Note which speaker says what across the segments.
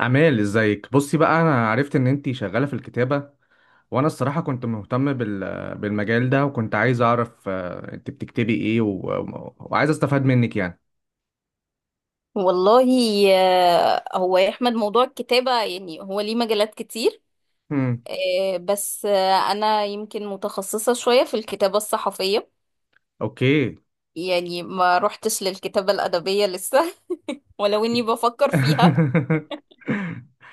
Speaker 1: أمال، ازيك؟ بصي بقى، انا عرفت ان انتي شغالة في الكتابة. وانا الصراحة كنت مهتم بالمجال ده، وكنت عايز اعرف انت بتكتبي ايه، وعايز استفاد منك يعني.
Speaker 2: والله. هو يا احمد، موضوع الكتابة، يعني هو ليه مجالات كتير.
Speaker 1: امم.
Speaker 2: بس انا يمكن متخصصة شوية في الكتابة الصحفية،
Speaker 1: اوكي.
Speaker 2: يعني ما روحتش للكتابة الأدبية لسه. ولو اني بفكر فيها.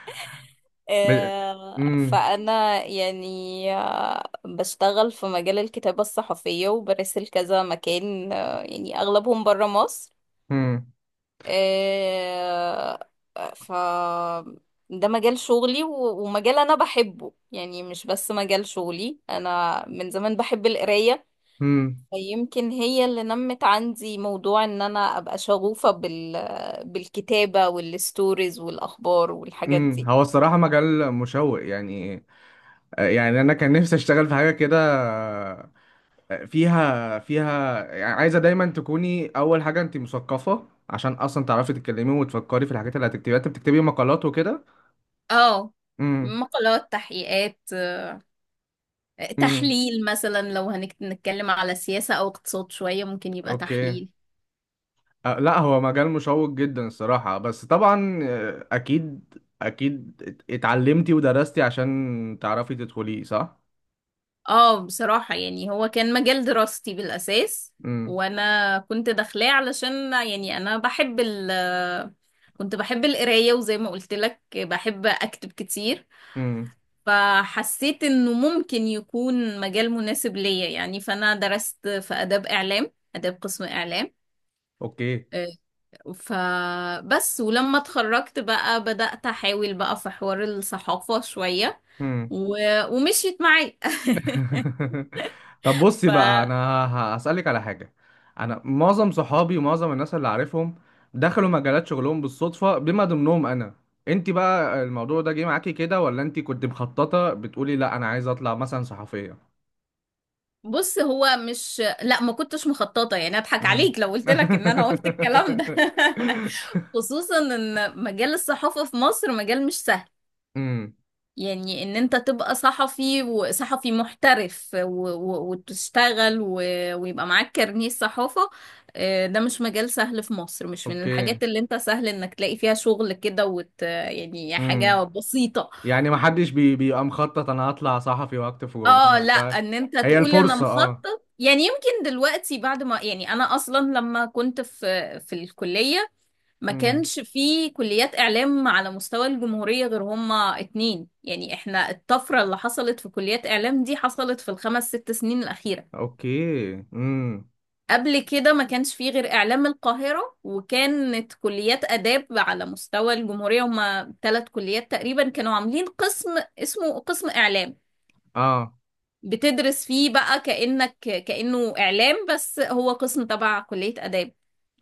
Speaker 1: ب... امم.
Speaker 2: فانا يعني بشتغل في مجال الكتابة الصحفية وبرسل كذا مكان، يعني اغلبهم برا مصر.
Speaker 1: امم.
Speaker 2: آه، ف ده مجال شغلي و- ومجال انا بحبه، يعني مش بس مجال شغلي، انا من زمان بحب القراية.
Speaker 1: امم.
Speaker 2: يمكن هي اللي نمت عندي موضوع ان انا ابقى شغوفة بالكتابة والستوريز والاخبار والحاجات
Speaker 1: امم.
Speaker 2: دي.
Speaker 1: هو الصراحة مجال مشوق يعني. يعني انا كان نفسي اشتغل في حاجة كده فيها يعني. عايزة دايما تكوني، أول حاجة، أنت مثقفة عشان أصلا تعرفي تتكلمي وتفكري في الحاجات اللي هتكتبيها. أنت بتكتبي مقالات وكده؟
Speaker 2: اه،
Speaker 1: امم.
Speaker 2: مقالات، تحقيقات.
Speaker 1: امم.
Speaker 2: تحليل مثلا، لو هنتكلم على سياسة او اقتصاد شوية ممكن يبقى
Speaker 1: أوكي.
Speaker 2: تحليل.
Speaker 1: أه، لا، هو مجال مشوق جدا الصراحة، بس طبعا أكيد. أكيد اتعلمتي ودرستي عشان تعرفي تدخليه، صح؟
Speaker 2: اه، بصراحة يعني هو كان مجال دراستي بالأساس.
Speaker 1: امم.
Speaker 2: وأنا كنت داخلاه علشان، يعني أنا بحب ال كنت بحب القراية، وزي ما قلت لك بحب أكتب كتير.
Speaker 1: امم.
Speaker 2: فحسيت إنه ممكن يكون مجال مناسب ليا. يعني فأنا درست في آداب إعلام، آداب قسم إعلام.
Speaker 1: أوكي.
Speaker 2: آه، فبس ولما اتخرجت بقى بدأت أحاول بقى في حوار الصحافة شوية و... ومشيت معايا.
Speaker 1: طب بصي بقى، انا هسألك على حاجة. انا معظم صحابي ومعظم الناس اللي عارفهم دخلوا مجالات شغلهم بالصدفة، بما ضمنهم انا. انت بقى الموضوع ده جه معاكي كده، ولا انت كنت مخططة بتقولي لا انا عايزة اطلع مثلا صحفية؟
Speaker 2: بص، هو مش، لا، ما كنتش مخططه، يعني اضحك
Speaker 1: مم.
Speaker 2: عليك لو قلت لك ان انا قلت الكلام ده. خصوصا ان مجال الصحافه في مصر مجال مش سهل.
Speaker 1: امم.
Speaker 2: يعني ان انت تبقى صحفي وصحفي محترف و... و... وتشتغل و... ويبقى معاك كارنيه صحافه. ده مش مجال سهل في مصر، مش من
Speaker 1: اوكي.
Speaker 2: الحاجات اللي انت سهل انك تلاقي فيها شغل كده يعني حاجه
Speaker 1: امم.
Speaker 2: بسيطه.
Speaker 1: يعني ما حدش بيبقى مخطط انا هطلع صحفي واكتب في جورنال
Speaker 2: اه، لا،
Speaker 1: وبتاع.
Speaker 2: ان انت
Speaker 1: هي
Speaker 2: تقول انا
Speaker 1: الفرصة، اه.
Speaker 2: مخطط، يعني يمكن دلوقتي بعد ما، يعني انا اصلا لما كنت في الكلية، ما
Speaker 1: امم.
Speaker 2: كانش في كليات اعلام على مستوى الجمهورية غير هما اتنين. يعني احنا الطفرة اللي حصلت في كليات اعلام دي حصلت في الخمس ست سنين الاخيرة.
Speaker 1: اوكي. امم.
Speaker 2: قبل كده ما كانش في غير اعلام القاهرة، وكانت كليات اداب على مستوى الجمهورية هما 3 كليات تقريبا، كانوا عاملين قسم اسمه قسم اعلام.
Speaker 1: اه.
Speaker 2: بتدرس فيه بقى كأنه إعلام، بس هو قسم تبع كلية آداب.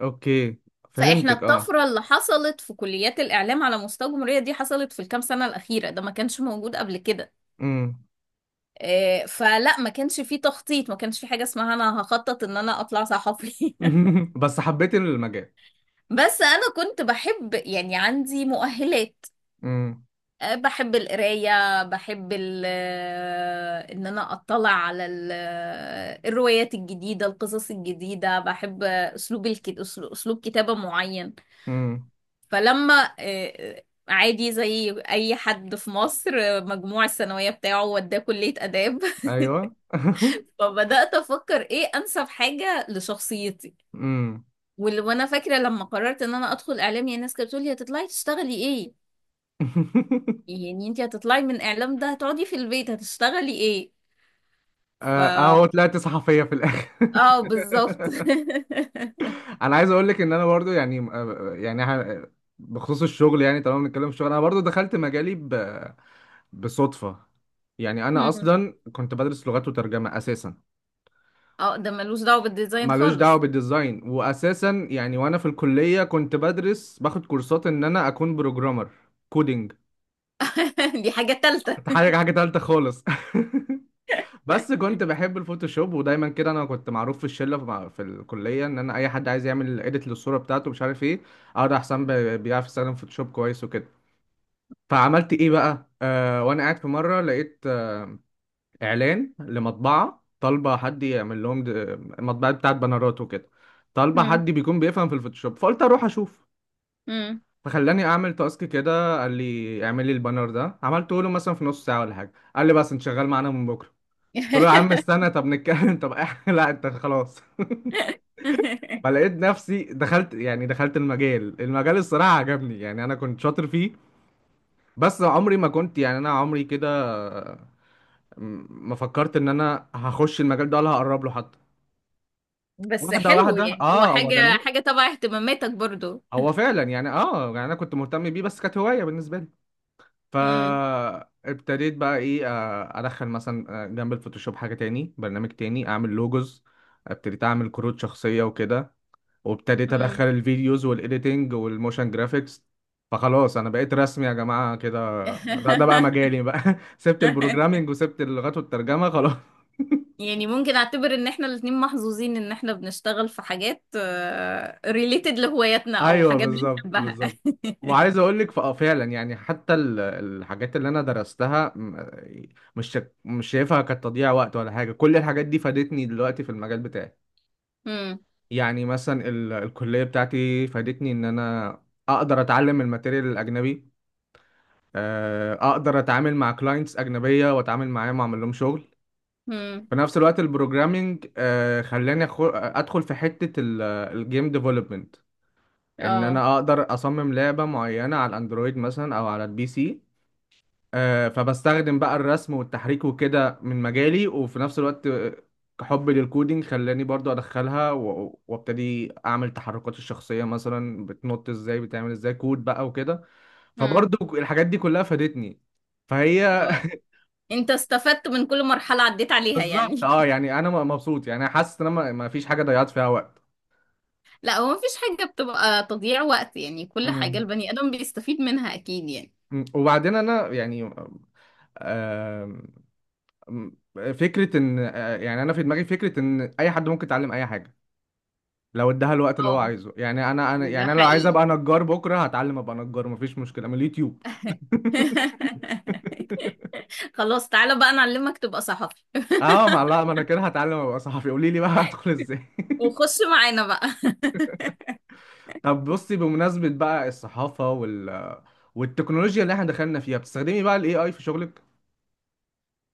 Speaker 1: اوكي.
Speaker 2: فإحنا
Speaker 1: فهمتك، اه.
Speaker 2: الطفرة اللي حصلت في كليات الإعلام على مستوى الجمهورية دي حصلت في الكام سنة الأخيرة، ده ما كانش موجود قبل كده.
Speaker 1: امم.
Speaker 2: فلا، ما كانش فيه تخطيط، ما كانش فيه حاجة اسمها أنا هخطط إن أنا أطلع صحفي.
Speaker 1: بس حبيت المجال.
Speaker 2: بس أنا كنت بحب، يعني عندي مؤهلات.
Speaker 1: امم.
Speaker 2: بحب القراية، بحب ال آه، إن أنا أطلع على الروايات الجديدة، القصص الجديدة، بحب أسلوب أسلوب كتابة معين.
Speaker 1: امم.
Speaker 2: فلما، عادي زي أي حد في مصر، مجموع الثانوية بتاعه وداه كلية آداب.
Speaker 1: ايوه.
Speaker 2: فبدأت أفكر إيه أنسب حاجة لشخصيتي.
Speaker 1: امم.
Speaker 2: وال- وأنا فاكرة لما قررت إن أنا أدخل إعلام، يعني الناس كانت بتقولي هتطلعي تشتغلي إيه؟ يعني انتي هتطلعي من اعلام ده، هتقعدي في البيت هتشتغلي ايه. ف
Speaker 1: اهو طلعت صحفية في الاخر.
Speaker 2: اه، بالظبط.
Speaker 1: انا عايز اقول لك ان انا برضو يعني يعني بخصوص الشغل، يعني طالما بنتكلم في الشغل، انا برضو دخلت مجالي بصدفة. يعني انا
Speaker 2: مم.
Speaker 1: اصلا كنت بدرس لغات وترجمة اساسا.
Speaker 2: اه، ده ملوش دعوة بالديزاين
Speaker 1: ملوش دعوة
Speaker 2: خالص.
Speaker 1: بالديزاين وأساسا يعني، وأنا في الكلية كنت بدرس باخد كورسات إن أنا أكون بروجرامر، كودينج.
Speaker 2: دي حاجة تالتة.
Speaker 1: حاجة تالتة خالص. بس كنت بحب الفوتوشوب، ودايما كده أنا كنت معروف في الشلة، في في الكلية، إن أنا أي حد عايز يعمل إيديت للصورة بتاعته، مش عارف إيه، أقعد أحسن بيعرف يستخدم فوتوشوب كويس وكده. فعملت إيه بقى؟ وأنا قاعد في مرة، لقيت إعلان لمطبعة طالبة حد يعمل لهم مطبعة بتاعت بنرات وكده، طالبة
Speaker 2: مم.
Speaker 1: حد بيكون بيفهم في الفوتوشوب، فقلت أروح أشوف.
Speaker 2: مم.
Speaker 1: فخلاني اعمل تاسك كده، قال لي اعمل لي البانر ده، عملته له مثلا في نص ساعه ولا حاجه، قال لي بس انت شغال معانا من بكره. قلت له يا عم استنى، طب نتكلم، طب لا انت خلاص. فلقيت نفسي دخلت، يعني دخلت المجال. الصراحه عجبني، يعني انا كنت شاطر فيه، بس عمري ما كنت، يعني انا عمري كده ما فكرت ان انا هخش المجال ده ولا هقرب له حتى.
Speaker 2: بس
Speaker 1: واحده
Speaker 2: حلو،
Speaker 1: واحده،
Speaker 2: يعني هو
Speaker 1: اه، هو
Speaker 2: حاجة
Speaker 1: جميل،
Speaker 2: حاجة تبع اهتماماتك برضو.
Speaker 1: هو فعلا يعني. اه، يعني انا كنت مهتم بيه، بس كانت هوايه بالنسبه لي.
Speaker 2: مم.
Speaker 1: فابتديت بقى ايه، ادخل مثلا جنب الفوتوشوب حاجة تاني، برنامج تاني، اعمل لوجوز. ابتديت اعمل كروت شخصية وكده، وابتديت ادخل
Speaker 2: مم.
Speaker 1: الفيديوز والايديتنج والموشن جرافيكس. فخلاص انا بقيت رسمي يا جماعة كده. ده بقى مجالي بقى. سبت البروجرامينج وسبت اللغات والترجمة خلاص.
Speaker 2: يعني ممكن اعتبر ان احنا الاتنين محظوظين ان احنا بنشتغل في حاجات ريليتد لهواياتنا، او
Speaker 1: ايوه
Speaker 2: حاجات
Speaker 1: بالظبط،
Speaker 2: بنحبها.
Speaker 1: بالظبط. وعايز اقول لك فعلا، يعني حتى الحاجات اللي انا درستها، مش شايفها كتضييع وقت ولا حاجه. كل الحاجات دي فادتني دلوقتي في المجال بتاعي.
Speaker 2: مم.
Speaker 1: يعني مثلا الكليه بتاعتي فادتني ان انا اقدر اتعلم الماتيريال الاجنبي، اقدر اتعامل مع كلاينتس اجنبيه واتعامل معاهم واعمل لهم شغل.
Speaker 2: مم.
Speaker 1: في نفس الوقت البروجرامينج خلاني ادخل في حته الجيم ديفلوبمنت، ان
Speaker 2: اه.
Speaker 1: انا اقدر اصمم لعبة معينة على الاندرويد مثلا او على البي سي. فبستخدم بقى الرسم والتحريك وكده من مجالي، وفي نفس الوقت حبي للكودينج خلاني برضو ادخلها، وابتدي اعمل تحركات الشخصية، مثلا بتنط ازاي، بتعمل ازاي كود بقى وكده.
Speaker 2: مم.
Speaker 1: فبرضو الحاجات دي كلها فادتني، فهي.
Speaker 2: انت استفدت من كل مرحلة عديت عليها،
Speaker 1: بالظبط،
Speaker 2: يعني.
Speaker 1: اه. يعني انا مبسوط، يعني حاسس ان انا ما فيش حاجة ضيعت فيها وقت.
Speaker 2: لا، هو مفيش حاجة بتبقى تضييع وقت، يعني كل حاجة
Speaker 1: مم.
Speaker 2: البني آدم بيستفيد منها أكيد، يعني.
Speaker 1: مم. وبعدين انا يعني م- فكرة ان يعني انا في دماغي فكرة ان اي حد ممكن يتعلم اي حاجة لو اداها الوقت اللي هو
Speaker 2: اه،
Speaker 1: عايزه. يعني انا
Speaker 2: ده
Speaker 1: يعني انا لو عايز
Speaker 2: حقيقي.
Speaker 1: ابقى نجار بكرة هتعلم ابقى نجار، مفيش مشكلة، من اليوتيوب.
Speaker 2: خلاص، تعالى بقى نعلمك تبقى صحفي
Speaker 1: اه، ما لا، ما انا كده هتعلم ابقى صحفي. قولي لي بقى هدخل ازاي.
Speaker 2: وخش معانا بقى.
Speaker 1: طب بصي، بمناسبة بقى الصحافة والتكنولوجيا اللي احنا دخلنا فيها، بتستخدمي بقى الاي اي في شغلك؟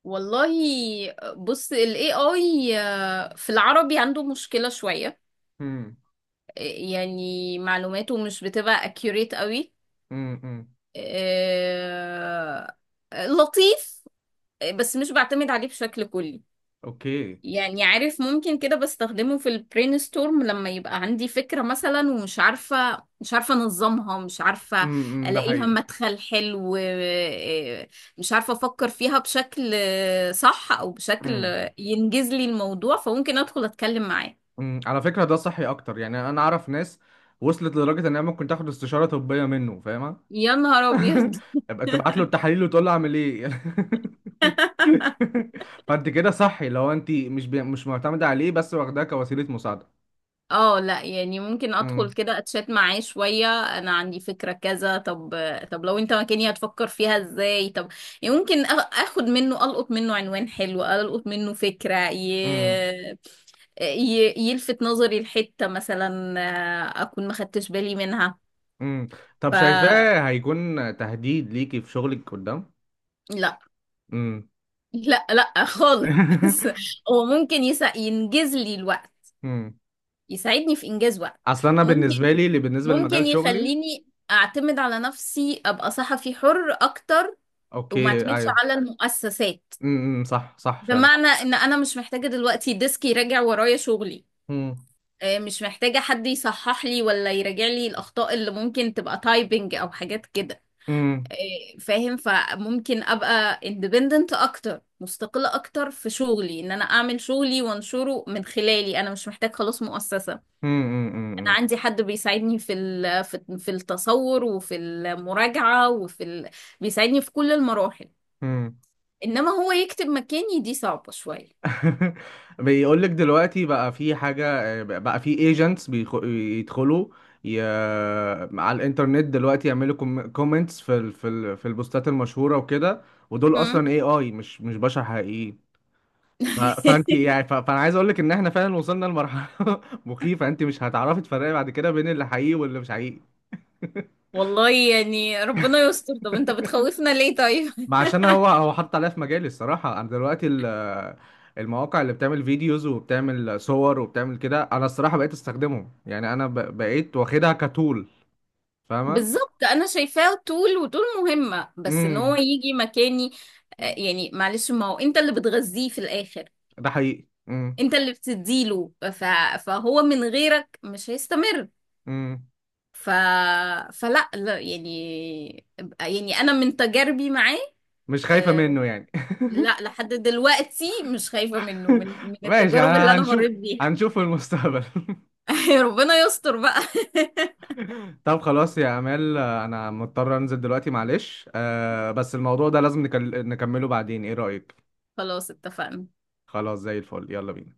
Speaker 2: والله، بص، ال AI في العربي عنده مشكلة شوية.
Speaker 1: امم.
Speaker 2: يعني معلوماته مش بتبقى accurate قوي.
Speaker 1: امم.
Speaker 2: آه، لطيف. بس مش بعتمد عليه بشكل كلي.
Speaker 1: اوكي.
Speaker 2: يعني عارف، ممكن كده بستخدمه في البرين ستورم لما يبقى عندي فكرة مثلا، ومش عارفة، مش عارفة انظمها، مش عارفة
Speaker 1: امم. ده
Speaker 2: الاقي لها
Speaker 1: حقيقي.
Speaker 2: مدخل حلو، إيه، مش عارفة افكر فيها بشكل صح او بشكل ينجز لي الموضوع، فممكن ادخل اتكلم معاه.
Speaker 1: مم، على فكرة، ده صحي أكتر. يعني أنا أعرف ناس وصلت لدرجة إنها ممكن تاخد استشارة طبية منه، فاهمة؟
Speaker 2: يا نهار ابيض.
Speaker 1: يبقى تبعت له التحاليل وتقول له أعمل إيه. فأنت كده صحي، لو أنت مش معتمدة عليه بس واخداه كوسيلة مساعدة.
Speaker 2: اه، لا يعني ممكن ادخل
Speaker 1: مم،
Speaker 2: كده اتشات معاه شوية، انا عندي فكرة كذا. طب لو انت مكاني هتفكر فيها ازاي. طب، يعني ممكن اخد منه، القط منه عنوان حلو، القط منه فكرة
Speaker 1: مم،
Speaker 2: يلفت نظري لحتة مثلا، اكون ما خدتش بالي منها.
Speaker 1: مم. طب
Speaker 2: ف
Speaker 1: شايفاه هيكون تهديد ليكي في شغلك قدام؟
Speaker 2: لا،
Speaker 1: مم.
Speaker 2: لا، لا خالص. هو ممكن ينجز لي الوقت،
Speaker 1: مم.
Speaker 2: يساعدني في إنجاز وقت.
Speaker 1: أصل أنا
Speaker 2: ممكن
Speaker 1: بالنسبة لي، اللي بالنسبة لمجال
Speaker 2: ممكن
Speaker 1: شغلي.
Speaker 2: يخليني أعتمد على نفسي، أبقى صحفي حر أكتر، وما
Speaker 1: أوكي،
Speaker 2: اعتمدش
Speaker 1: أيوه.
Speaker 2: على المؤسسات.
Speaker 1: مم، مم، صح، صح، فعلا.
Speaker 2: بمعنى إن أنا مش محتاجة دلوقتي ديسك يراجع ورايا شغلي،
Speaker 1: مم،
Speaker 2: مش محتاجة حد يصحح لي ولا يراجع لي الأخطاء اللي ممكن تبقى تايبنج أو حاجات كده.
Speaker 1: مم.
Speaker 2: فاهم، فممكن أبقى independent أكتر، مستقلة أكتر في شغلي، إن أنا أعمل شغلي وأنشره من خلالي أنا، مش محتاج خلاص مؤسسة.
Speaker 1: امم.
Speaker 2: أنا عندي حد بيساعدني في ال- في في التصور، وفي المراجعة، بيساعدني في كل المراحل.
Speaker 1: امم.
Speaker 2: إنما هو يكتب مكاني، دي صعبة شوية.
Speaker 1: بيقول لك دلوقتي بقى في حاجة بقى، في ايجنتس بيدخلوا ي... على الانترنت دلوقتي، يعملوا كومنتس في البوستات المشهورة وكده، ودول اصلا
Speaker 2: هم؟
Speaker 1: اي اي، مش بشر حقيقيين. فانت يعني، فانا عايز اقول لك ان احنا فعلا وصلنا لمرحلة مخيفة. انت مش هتعرفي تفرقي بعد كده بين اللي حقيقي واللي مش حقيقي.
Speaker 2: والله يعني ربنا يستر، طب انت بتخوفنا ليه طيب؟
Speaker 1: ما عشان هو حط عليا في مجالي، الصراحة. أنا دلوقتي المواقع اللي بتعمل فيديوز وبتعمل صور وبتعمل كده، أنا الصراحة بقيت أستخدمهم. يعني أنا بقيت واخدها كتول، فاهمة؟
Speaker 2: بالظبط، انا شايفاه طول وطول مهمة، بس ان هو
Speaker 1: امم.
Speaker 2: يجي مكاني، يعني معلش، ما هو انت اللي بتغذيه في الاخر،
Speaker 1: ده حقيقي. امم.
Speaker 2: انت اللي بتديله. فهو من غيرك مش هيستمر.
Speaker 1: امم.
Speaker 2: ف... فلا، لا يعني، يعني انا من تجاربي معاه،
Speaker 1: مش خايفة
Speaker 2: آه،
Speaker 1: منه يعني.
Speaker 2: لا، لحد دلوقتي مش خايفة منه، من
Speaker 1: ماشي،
Speaker 2: التجارب اللي
Speaker 1: أنا
Speaker 2: انا مريت بيها.
Speaker 1: هنشوف في المستقبل.
Speaker 2: ربنا يستر بقى.
Speaker 1: طب خلاص يا أمال، أنا مضطر أنزل دلوقتي، معلش. بس الموضوع ده لازم نكمله بعدين، إيه رأيك؟
Speaker 2: خلاص، اتفقنا.
Speaker 1: خلاص، زي الفل، يلا بينا.